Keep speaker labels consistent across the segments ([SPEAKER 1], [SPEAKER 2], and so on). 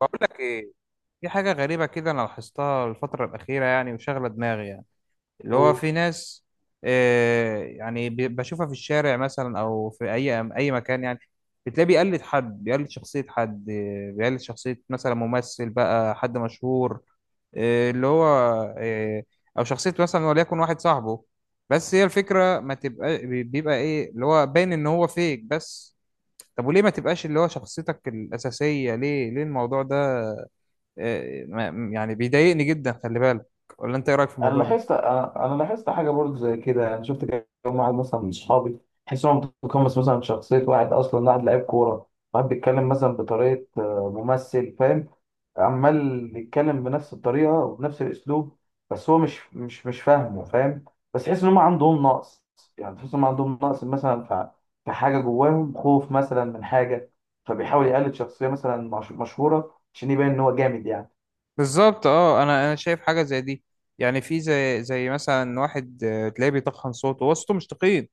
[SPEAKER 1] بقول لك ايه. في حاجه غريبه كده انا لاحظتها الفتره الاخيره يعني وشغله دماغي يعني. اللي هو
[SPEAKER 2] هو.
[SPEAKER 1] في ناس بشوفها في الشارع مثلا او في اي مكان يعني. بتلاقيه بيقلد حد، بيقلد شخصيه حد، بيقلد شخصيه مثلا ممثل بقى، حد مشهور. آه اللي هو آه او شخصيه مثلا وليكن واحد صاحبه. بس هي الفكره ما تبقى بيبقى ايه اللي هو باين ان هو فيك بس. طب وليه ما تبقاش اللي هو شخصيتك الاساسيه؟ ليه الموضوع ده؟ يعني بيضايقني جدا، خلي بالك. ولا انت ايه رايك في
[SPEAKER 2] انا
[SPEAKER 1] الموضوع ده؟
[SPEAKER 2] لاحظت انا أنا لاحظت حاجه برضه زي كده، انا شفت كام واحد مثلا من اصحابي. تحس انهم متقمص مثلا شخصيه واحد، اصلا واحد لعيب كوره، واحد بيتكلم مثلا بطريقه ممثل. فاهم؟ عمال يتكلم بنفس الطريقه وبنفس الاسلوب، بس هو مش فاهمه. فاهم؟ بس تحس ان هم عندهم نقص، يعني تحس ان هم عندهم نقص مثلا في حاجه جواهم، خوف مثلا من حاجه، فبيحاول يقلد شخصيه مثلا مشهوره عشان يبين ان هو جامد يعني.
[SPEAKER 1] بالظبط اه، انا شايف حاجه زي دي. يعني في زي مثلا واحد، تلاقيه بيتخن صوته، هو صوته مش تخين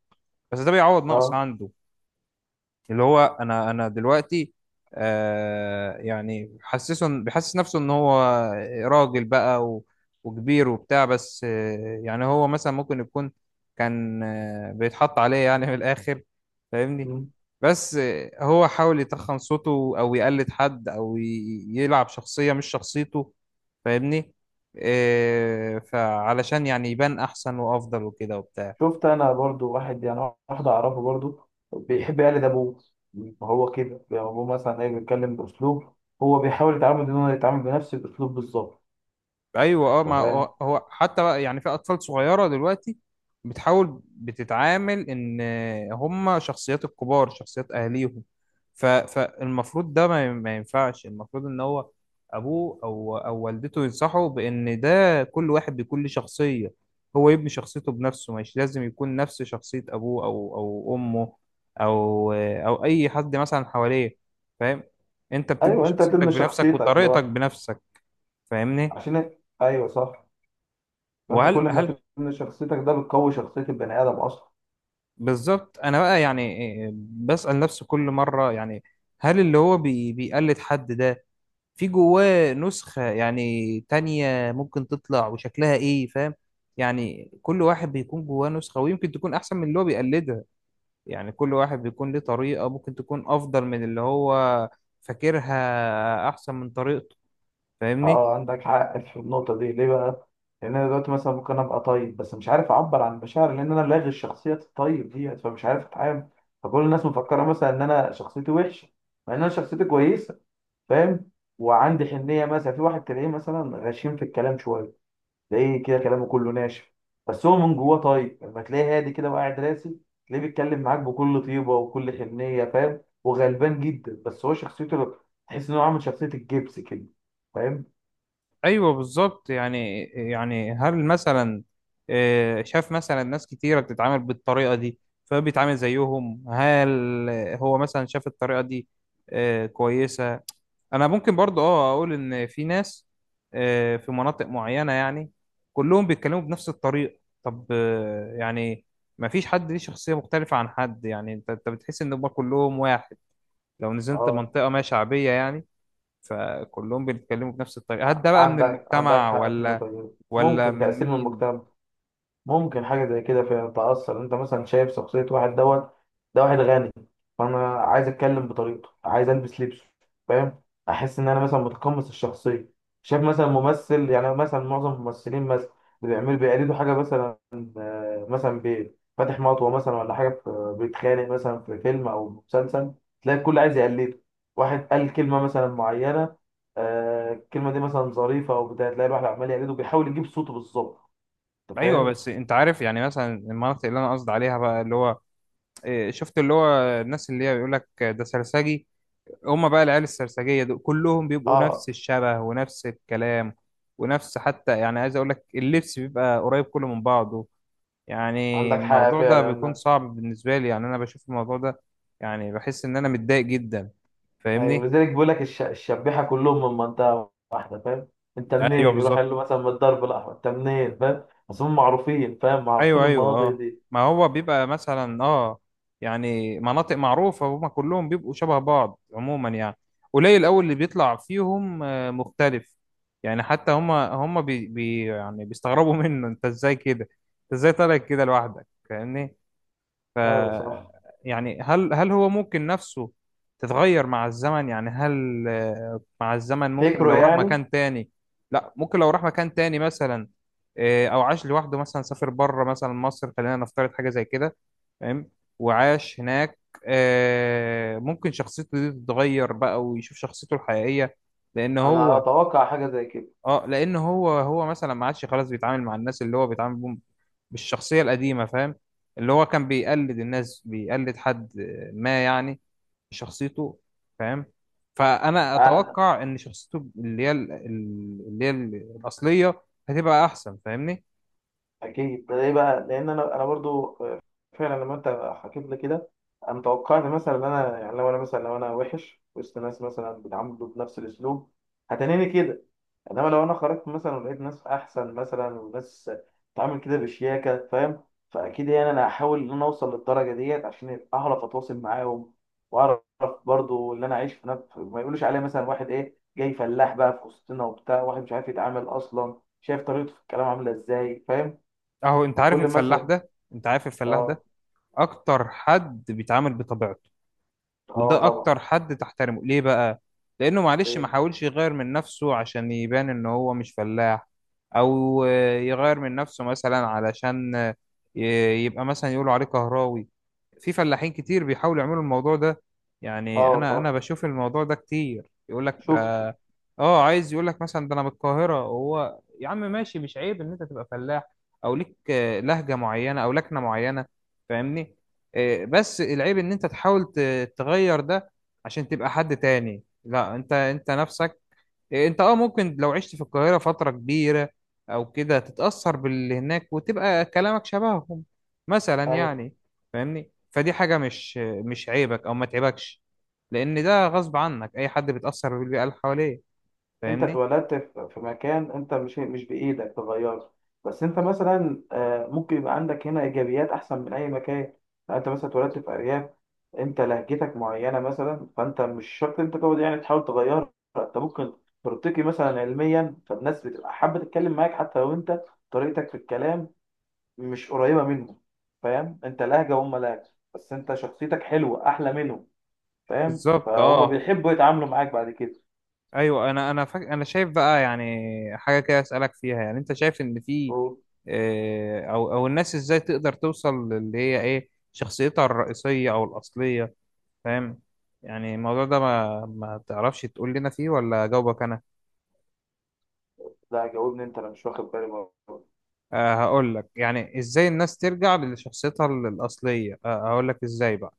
[SPEAKER 1] بس ده بيعوض نقص
[SPEAKER 2] اه،
[SPEAKER 1] عنده. اللي هو انا دلوقتي، بيحسس نفسه ان هو راجل بقى وكبير وبتاع. بس يعني هو مثلا ممكن يكون كان بيتحط عليه يعني من الاخر، فاهمني؟ بس هو حاول يتخن صوته او يقلد حد او ي- يلعب شخصية مش شخصيته، فاهمني؟ آه فعلشان يعني يبان احسن وافضل وكده وبتاع.
[SPEAKER 2] شفت انا برضو واحد، يعني واحد اعرفه برضو بيحب يقلد ابوه. فهو كده يعني ابوه مثلا ايه، بيتكلم باسلوب، هو بيحاول يتعامل ان هو يتعامل بنفس الاسلوب بالظبط.
[SPEAKER 1] ايوه اه،
[SPEAKER 2] انت
[SPEAKER 1] ما
[SPEAKER 2] فاهم؟
[SPEAKER 1] هو هو حتى بقى يعني في اطفال صغيره دلوقتي بتحاول، بتتعامل ان هم شخصيات الكبار، شخصيات اهاليهم. ف... فالمفروض ده ما ينفعش. المفروض ان هو ابوه او والدته ينصحه بان ده كل واحد بكل شخصيه، هو يبني شخصيته بنفسه، مش لازم يكون نفس شخصيه ابوه او امه او اي حد مثلا حواليه. فاهم؟ انت بتبني
[SPEAKER 2] ايوه، انت
[SPEAKER 1] شخصيتك
[SPEAKER 2] تبني
[SPEAKER 1] بنفسك
[SPEAKER 2] شخصيتك لو
[SPEAKER 1] وطريقتك بنفسك، فاهمني؟
[SPEAKER 2] عشان، ايوه صح. فانت كل
[SPEAKER 1] وهل
[SPEAKER 2] ما
[SPEAKER 1] هل
[SPEAKER 2] تبني شخصيتك ده بتقوي شخصيه البني ادم اصلا.
[SPEAKER 1] بالظبط، انا بقى يعني بسأل نفسي كل مرة، يعني هل اللي هو بيقلد حد ده في جواه نسخة يعني تانية ممكن تطلع وشكلها ايه؟ فاهم؟ يعني كل واحد بيكون جواه نسخة، ويمكن تكون احسن من اللي هو بيقلدها. يعني كل واحد بيكون ليه طريقة ممكن تكون افضل من اللي هو فاكرها احسن من طريقته، فاهمني؟
[SPEAKER 2] اه، عندك حق في النقطة دي. ليه بقى؟ لأن أنا دلوقتي مثلا ممكن أبقى طيب بس مش عارف أعبر عن مشاعري، لأن أنا لاغي الشخصية الطيب دي فمش عارف أتعامل. فكل الناس مفكرة مثلا إن أنا شخصيتي وحشة، مع إن أنا شخصيتي كويسة. فاهم؟ وعندي حنية. مثلا في واحد تلاقيه مثلا غشيم في الكلام شوية، تلاقيه كده كلامه كله ناشف، بس هو من جواه طيب. لما تلاقيه هادي كده وقاعد راسي، تلاقيه بيتكلم معاك بكل طيبة وكل حنية. فاهم؟ وغلبان جدا، بس هو شخصيته، تحس إن هو عامل شخصية الجبس كده. فاهم؟
[SPEAKER 1] ايوه بالظبط، يعني هل مثلا شاف مثلا ناس كتيره بتتعامل بالطريقه دي فبيتعامل زيهم؟ هل هو مثلا شاف الطريقه دي كويسه؟ انا ممكن برضو اه اقول ان في ناس في مناطق معينه يعني كلهم بيتكلموا بنفس الطريقه. طب يعني ما فيش حد ليه شخصيه مختلفه عن حد، يعني انت بتحس ان هم كلهم واحد. لو نزلت
[SPEAKER 2] اه،
[SPEAKER 1] منطقه ما شعبيه يعني فكلهم بيتكلموا بنفس الطريقة. هل ده بقى من
[SPEAKER 2] عندك
[SPEAKER 1] المجتمع،
[SPEAKER 2] حق في
[SPEAKER 1] ولا
[SPEAKER 2] النقطة دي.
[SPEAKER 1] ولا
[SPEAKER 2] ممكن
[SPEAKER 1] من
[SPEAKER 2] تأثير من
[SPEAKER 1] مين؟
[SPEAKER 2] المجتمع، ممكن حاجة زي كده. فتأثر، انت مثلا شايف شخصية واحد دوت، ده واحد غني، فانا عايز اتكلم بطريقته، عايز البس لبسه. فاهم؟ احس ان انا مثلا متقمص الشخصية. شايف مثلا ممثل، يعني مثلا معظم الممثلين مثلا اللي بيعملوا بيقلدوا حاجة مثلا، مثلا فاتح مطوة مثلا ولا حاجة، بيتخانق مثلا في فيلم او مسلسل، تلاقي الكل عايز يقلده. واحد قال كلمة مثلا معينة، الكلمة دي مثلا ظريفة او بتاع، تلاقي الواحد عمال يقلده بيحاول يجيب صوته بالظبط. انت
[SPEAKER 1] ايوه.
[SPEAKER 2] فاهم؟
[SPEAKER 1] بس انت عارف يعني مثلا المناطق اللي انا قصدي عليها بقى، اللي هو شفت اللي هو الناس اللي هي بيقول لك ده سرسجي، هم بقى العيال السرسجية دول كلهم بيبقوا نفس
[SPEAKER 2] اه،
[SPEAKER 1] الشبه ونفس الكلام، ونفس حتى يعني عايز اقول لك اللبس بيبقى قريب كله من بعضه يعني.
[SPEAKER 2] عندك حق
[SPEAKER 1] الموضوع ده بيكون
[SPEAKER 2] فعلا.
[SPEAKER 1] صعب بالنسبة لي. يعني انا بشوف الموضوع ده، يعني بحس ان انا متضايق جدا،
[SPEAKER 2] ايوه،
[SPEAKER 1] فاهمني؟
[SPEAKER 2] لذلك بيقول لك الشبيحه كلهم من منطقه واحده. فاهم؟ انت
[SPEAKER 1] ايوه
[SPEAKER 2] منين؟ يروح
[SPEAKER 1] بالظبط.
[SPEAKER 2] يقول له مثلا من الدرب الاحمر. انت منين؟ فاهم؟ بس هم معروفين. فاهم؟ معروفين
[SPEAKER 1] ايوه
[SPEAKER 2] المناطق
[SPEAKER 1] اه،
[SPEAKER 2] دي.
[SPEAKER 1] ما هو بيبقى مثلا اه، يعني مناطق معروفة، هما كلهم بيبقوا شبه بعض عموما يعني. قليل قوي اللي بيطلع فيهم مختلف. يعني حتى هما هما بي بي يعني بيستغربوا منه، انت ازاي كده؟ انت ازاي طالع كده لوحدك؟ فاهمني؟ ف
[SPEAKER 2] ايوه صح،
[SPEAKER 1] يعني هل هل هو ممكن نفسه تتغير مع الزمن؟ يعني هل مع الزمن ممكن
[SPEAKER 2] فكره
[SPEAKER 1] لو راح
[SPEAKER 2] يعني،
[SPEAKER 1] مكان تاني؟ لا، ممكن لو راح مكان تاني مثلا او عاش لوحده، مثلا سافر بره مثلا مصر، خلينا نفترض حاجة زي كده، فاهم؟ وعاش هناك، ممكن شخصيته دي تتغير بقى ويشوف شخصيته الحقيقية. لان
[SPEAKER 2] انا
[SPEAKER 1] هو
[SPEAKER 2] اتوقع حاجه زي كده.
[SPEAKER 1] اه، لان هو مثلا ما عادش خلاص بيتعامل مع الناس اللي هو بيتعامل بيهم بالشخصية القديمة، فاهم؟ اللي هو كان بيقلد الناس، بيقلد حد ما يعني شخصيته، فاهم؟ فأنا
[SPEAKER 2] أنا
[SPEAKER 1] أتوقع إن شخصيته اللي هي الأصلية هتبقى أحسن، فاهمني؟
[SPEAKER 2] اكيد ده. ليه بقى؟ لان انا برضو فعلا لما انت حكيت لي كده، انا توقعت مثلا ان انا يعني لو انا مثلا لو انا وحش وسط ناس مثلا بيتعاملوا بنفس الاسلوب هتنيني كده. انما لو انا خرجت مثلا ولقيت ناس احسن مثلا، وناس بتتعامل كده بشياكه. فاهم؟ فاكيد يعني انا هحاول ان انا اوصل للدرجه ديت عشان اعرف اتواصل معاهم واعرف. برضو اللي انا عايش في، نفس ما يقولوش عليه مثلا واحد ايه، جاي فلاح بقى في وسطنا وبتاع، واحد مش عارف يتعامل اصلا، شايف طريقته في الكلام عامله ازاي. فاهم؟
[SPEAKER 1] أهو أنت عارف
[SPEAKER 2] فكل
[SPEAKER 1] الفلاح
[SPEAKER 2] مثلا.
[SPEAKER 1] ده؟ أنت عارف الفلاح
[SPEAKER 2] اه.
[SPEAKER 1] ده أكتر حد بيتعامل بطبيعته،
[SPEAKER 2] اه،
[SPEAKER 1] وده
[SPEAKER 2] طبعا.
[SPEAKER 1] اكتر حد تحترمه. ليه بقى؟ لانه معلش ما
[SPEAKER 2] ايه.
[SPEAKER 1] حاولش يغير من نفسه عشان يبان ان هو مش فلاح، او يغير من نفسه مثلا علشان يبقى مثلا يقولوا عليه كهراوي. في فلاحين كتير بيحاولوا يعملوا الموضوع ده. يعني
[SPEAKER 2] اه
[SPEAKER 1] انا
[SPEAKER 2] صح،
[SPEAKER 1] انا بشوف الموضوع ده كتير. يقول لك
[SPEAKER 2] شفته.
[SPEAKER 1] ده اه، عايز يقول لك مثلا ده انا من القاهرة. هو يا عم ماشي، مش عيب ان انت تبقى فلاح او ليك لهجة معينة او لكنة معينة، فاهمني؟ بس العيب ان انت تحاول التغير ده عشان تبقى حد تاني. لا، انت انت نفسك. انت اه ممكن لو عشت في القاهرة فترة كبيرة او كده تتأثر باللي هناك وتبقى كلامك شبههم مثلا
[SPEAKER 2] أيوة.
[SPEAKER 1] يعني. فاهمني؟ فدي حاجة مش عيبك او ما تعيبكش، لان ده غصب عنك. اي حد بيتأثر بالبيئة اللي حواليه،
[SPEAKER 2] انت
[SPEAKER 1] فاهمني؟
[SPEAKER 2] اتولدت في مكان، انت مش بايدك تغيره. بس انت مثلا ممكن يبقى عندك هنا ايجابيات احسن من اي مكان. لو انت مثلا اتولدت في ارياف، انت لهجتك معينه مثلا، فانت مش شرط انت تقعد يعني تحاول تغيرها. انت ممكن ترتقي مثلا علميا، فالناس بتبقى حابه تتكلم معاك حتى لو انت طريقتك في الكلام مش قريبه منهم. فاهم؟ انت لهجه وهم لهجه، بس انت شخصيتك حلوه احلى منهم. فاهم؟
[SPEAKER 1] بالظبط
[SPEAKER 2] فهم
[SPEAKER 1] اه.
[SPEAKER 2] بيحبوا يتعاملوا معاك بعد كده.
[SPEAKER 1] ايوه، انا شايف بقى يعني حاجه كده اسالك فيها. يعني انت شايف ان في آه، او او الناس ازاي تقدر توصل للي هي ايه شخصيتها الرئيسيه او الاصليه؟ فاهم؟ يعني الموضوع ده ما تعرفش تقول لنا فيه ولا اجاوبك انا؟
[SPEAKER 2] لا، جاوبني انت، انا مش واخد بالي برضه.
[SPEAKER 1] أه، هقول لك يعني ازاي الناس ترجع لشخصيتها الاصليه. أه هقول لك ازاي بقى.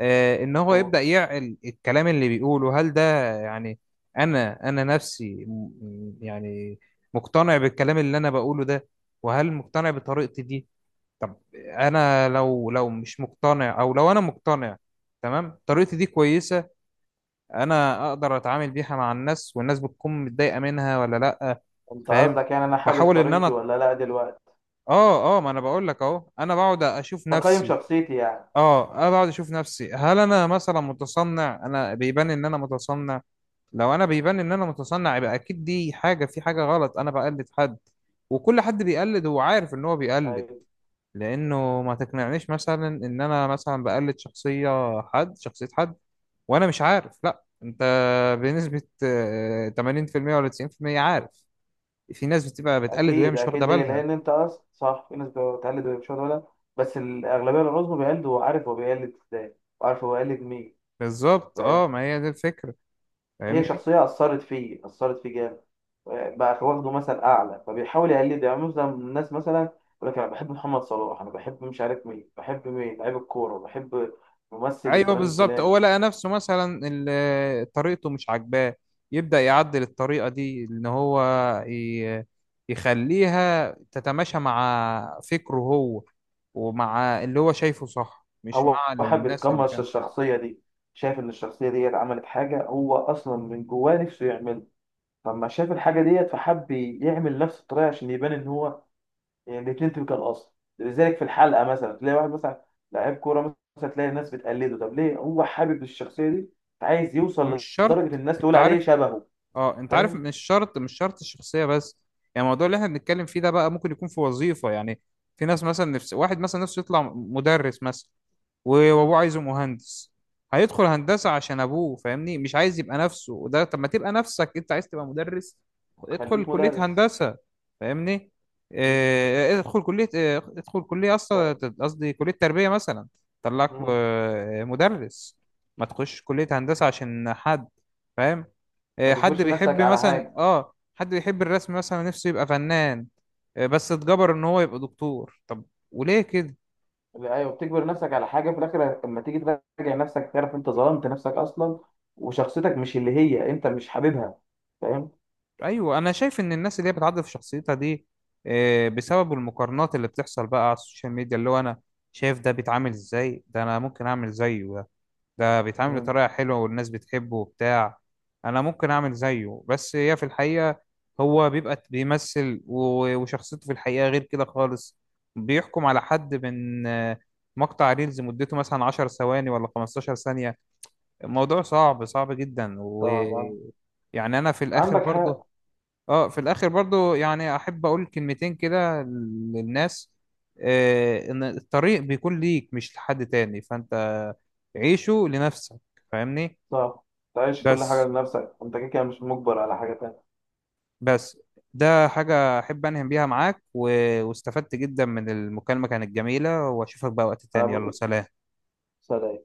[SPEAKER 1] ان هو
[SPEAKER 2] قول.
[SPEAKER 1] يبدأ يعقل الكلام اللي بيقوله. هل ده يعني انا انا نفسي يعني مقتنع بالكلام اللي انا بقوله ده؟ وهل مقتنع بطريقتي دي؟ طب انا لو مش مقتنع، او لو انا مقتنع تمام طريقتي دي كويسة، انا اقدر اتعامل بيها مع الناس، والناس بتكون متضايقة منها ولا لا؟
[SPEAKER 2] انت
[SPEAKER 1] فاهم؟
[SPEAKER 2] قصدك يعني انا حابب
[SPEAKER 1] بحاول ان
[SPEAKER 2] طريقتي
[SPEAKER 1] انا
[SPEAKER 2] ولا لا دلوقتي؟
[SPEAKER 1] اه اه، ما انا بقول لك اهو، انا بقعد اشوف
[SPEAKER 2] بقيم
[SPEAKER 1] نفسي.
[SPEAKER 2] شخصيتي يعني.
[SPEAKER 1] اه انا بقعد اشوف نفسي هل انا مثلا متصنع؟ انا بيبان ان انا متصنع؟ لو انا بيبان ان انا متصنع يبقى اكيد دي حاجه، في حاجه غلط، انا بقلد حد. وكل حد بيقلد هو عارف ان هو بيقلد.
[SPEAKER 2] أيوة.
[SPEAKER 1] لانه ما تقنعنيش مثلا ان انا مثلا بقلد شخصيه حد، شخصيه حد، وانا مش عارف. لا، انت بنسبه 80% ولا 90% عارف. في ناس بتبقى بتقلد وهي
[SPEAKER 2] اكيد
[SPEAKER 1] مش
[SPEAKER 2] اكيد.
[SPEAKER 1] واخده
[SPEAKER 2] ليه؟
[SPEAKER 1] بالها.
[SPEAKER 2] لان انت اصلا صح، في ناس بتقلد ومش ولا، بس الاغلبيه العظمى بيقلد وعارف هو بيقلد ازاي، وعارف هو بيقلد مين.
[SPEAKER 1] بالظبط
[SPEAKER 2] فاهم؟
[SPEAKER 1] اه، ما هي دي الفكره،
[SPEAKER 2] هي
[SPEAKER 1] فاهمني؟
[SPEAKER 2] شخصيه اثرت فيه، اثرت فيه جامد، بقى واخده مثل اعلى، فبيحاول يقلده. يعني مثلا الناس مثلا يقول لك انا بحب محمد صلاح، انا بحب مش عارف مين، بحب مين لعيب الكوره، بحب ممثل
[SPEAKER 1] ايوه
[SPEAKER 2] الفلان
[SPEAKER 1] بالظبط. هو
[SPEAKER 2] الفلاني.
[SPEAKER 1] لقى نفسه مثلا طريقته مش عاجباه، يبدأ يعدل الطريقة دي ان هو ي- يخليها تتماشى مع فكره هو، ومع اللي هو شايفه صح، مش
[SPEAKER 2] هو
[SPEAKER 1] مع
[SPEAKER 2] حابب
[SPEAKER 1] الناس اللي
[SPEAKER 2] يتقمص
[SPEAKER 1] كان.
[SPEAKER 2] الشخصية دي، شايف إن الشخصية ديت عملت حاجة هو أصلا من جواه نفسه يعملها، فلما شاف الحاجة ديت فحب يعمل نفس الطريقة عشان يبان إن هو، يعني الاتنين تبقى الأصل. لذلك في الحلقة مثلا تلاقي واحد مثلا لعيب كورة مثلا، تلاقي الناس بتقلده. طب ليه هو حابب الشخصية دي؟ عايز
[SPEAKER 1] مش
[SPEAKER 2] يوصل لدرجة
[SPEAKER 1] شرط،
[SPEAKER 2] الناس
[SPEAKER 1] انت
[SPEAKER 2] تقول عليه
[SPEAKER 1] عارف؟
[SPEAKER 2] شبهه.
[SPEAKER 1] اه انت عارف،
[SPEAKER 2] فاهم؟
[SPEAKER 1] مش شرط، مش شرط الشخصية بس. يعني الموضوع اللي احنا بنتكلم فيه ده بقى ممكن يكون في وظيفة. يعني في ناس مثلا، نفس واحد مثلا نفسه يطلع مدرس مثلا، وابوه عايزه مهندس، هيدخل هندسة عشان ابوه. فاهمني؟ مش عايز يبقى نفسه. وده طب ما تبقى نفسك، انت عايز تبقى مدرس، ادخل
[SPEAKER 2] خليك
[SPEAKER 1] كلية
[SPEAKER 2] مدرس.
[SPEAKER 1] هندسة؟ فاهمني؟
[SPEAKER 2] مم.
[SPEAKER 1] ادخل كلية اصلا، قصدي كلية تربية مثلا، طلعك
[SPEAKER 2] مم.
[SPEAKER 1] مدرس. ما تخش كلية هندسة عشان حد. فاهم؟
[SPEAKER 2] ما
[SPEAKER 1] حد
[SPEAKER 2] تجبرش
[SPEAKER 1] بيحب
[SPEAKER 2] نفسك على
[SPEAKER 1] مثلا
[SPEAKER 2] حاجة.
[SPEAKER 1] اه، حد بيحب الرسم مثلا، نفسه يبقى فنان، بس اتجبر ان هو يبقى دكتور طب. وليه كده؟
[SPEAKER 2] ايوه، بتجبر نفسك على حاجه في الاخر. لما تيجي تراجع نفسك تعرف انت ظلمت نفسك اصلا، وشخصيتك مش اللي هي انت، مش حاببها. فاهم؟
[SPEAKER 1] ايوه، انا شايف ان الناس اللي هي بتعدل في شخصيتها دي بسبب المقارنات اللي بتحصل بقى على السوشيال ميديا. اللي هو انا شايف ده بيتعامل ازاي، ده انا ممكن اعمل زيه. ده ده بيتعامل
[SPEAKER 2] مم.
[SPEAKER 1] بطريقه حلوه والناس بتحبه وبتاع، انا ممكن اعمل زيه. بس هي في الحقيقه هو بيبقى بيمثل، وشخصيته في الحقيقه غير كده خالص. بيحكم على حد من مقطع ريلز مدته مثلا 10 ثواني ولا 15 ثانية. الموضوع صعب جدا.
[SPEAKER 2] طبعا،
[SPEAKER 1] ويعني انا في الاخر
[SPEAKER 2] عندك
[SPEAKER 1] برضه
[SPEAKER 2] حق.
[SPEAKER 1] اه، في الاخر برضو يعني احب اقول كلمتين كده للناس. آه، ان الطريق بيكون ليك مش لحد تاني، فانت عيشه لنفسك، فاهمني؟
[SPEAKER 2] صح، تعيش كل حاجه
[SPEAKER 1] بس
[SPEAKER 2] لنفسك. انت كده كده مش مجبر على حاجه تانية.
[SPEAKER 1] بس ده حاجة احب انهم بيها معاك، و... واستفدت جدا من المكالمة، كانت جميلة. واشوفك بقى وقت
[SPEAKER 2] انا
[SPEAKER 1] تاني، يلا
[SPEAKER 2] بص.
[SPEAKER 1] سلام.
[SPEAKER 2] سلام.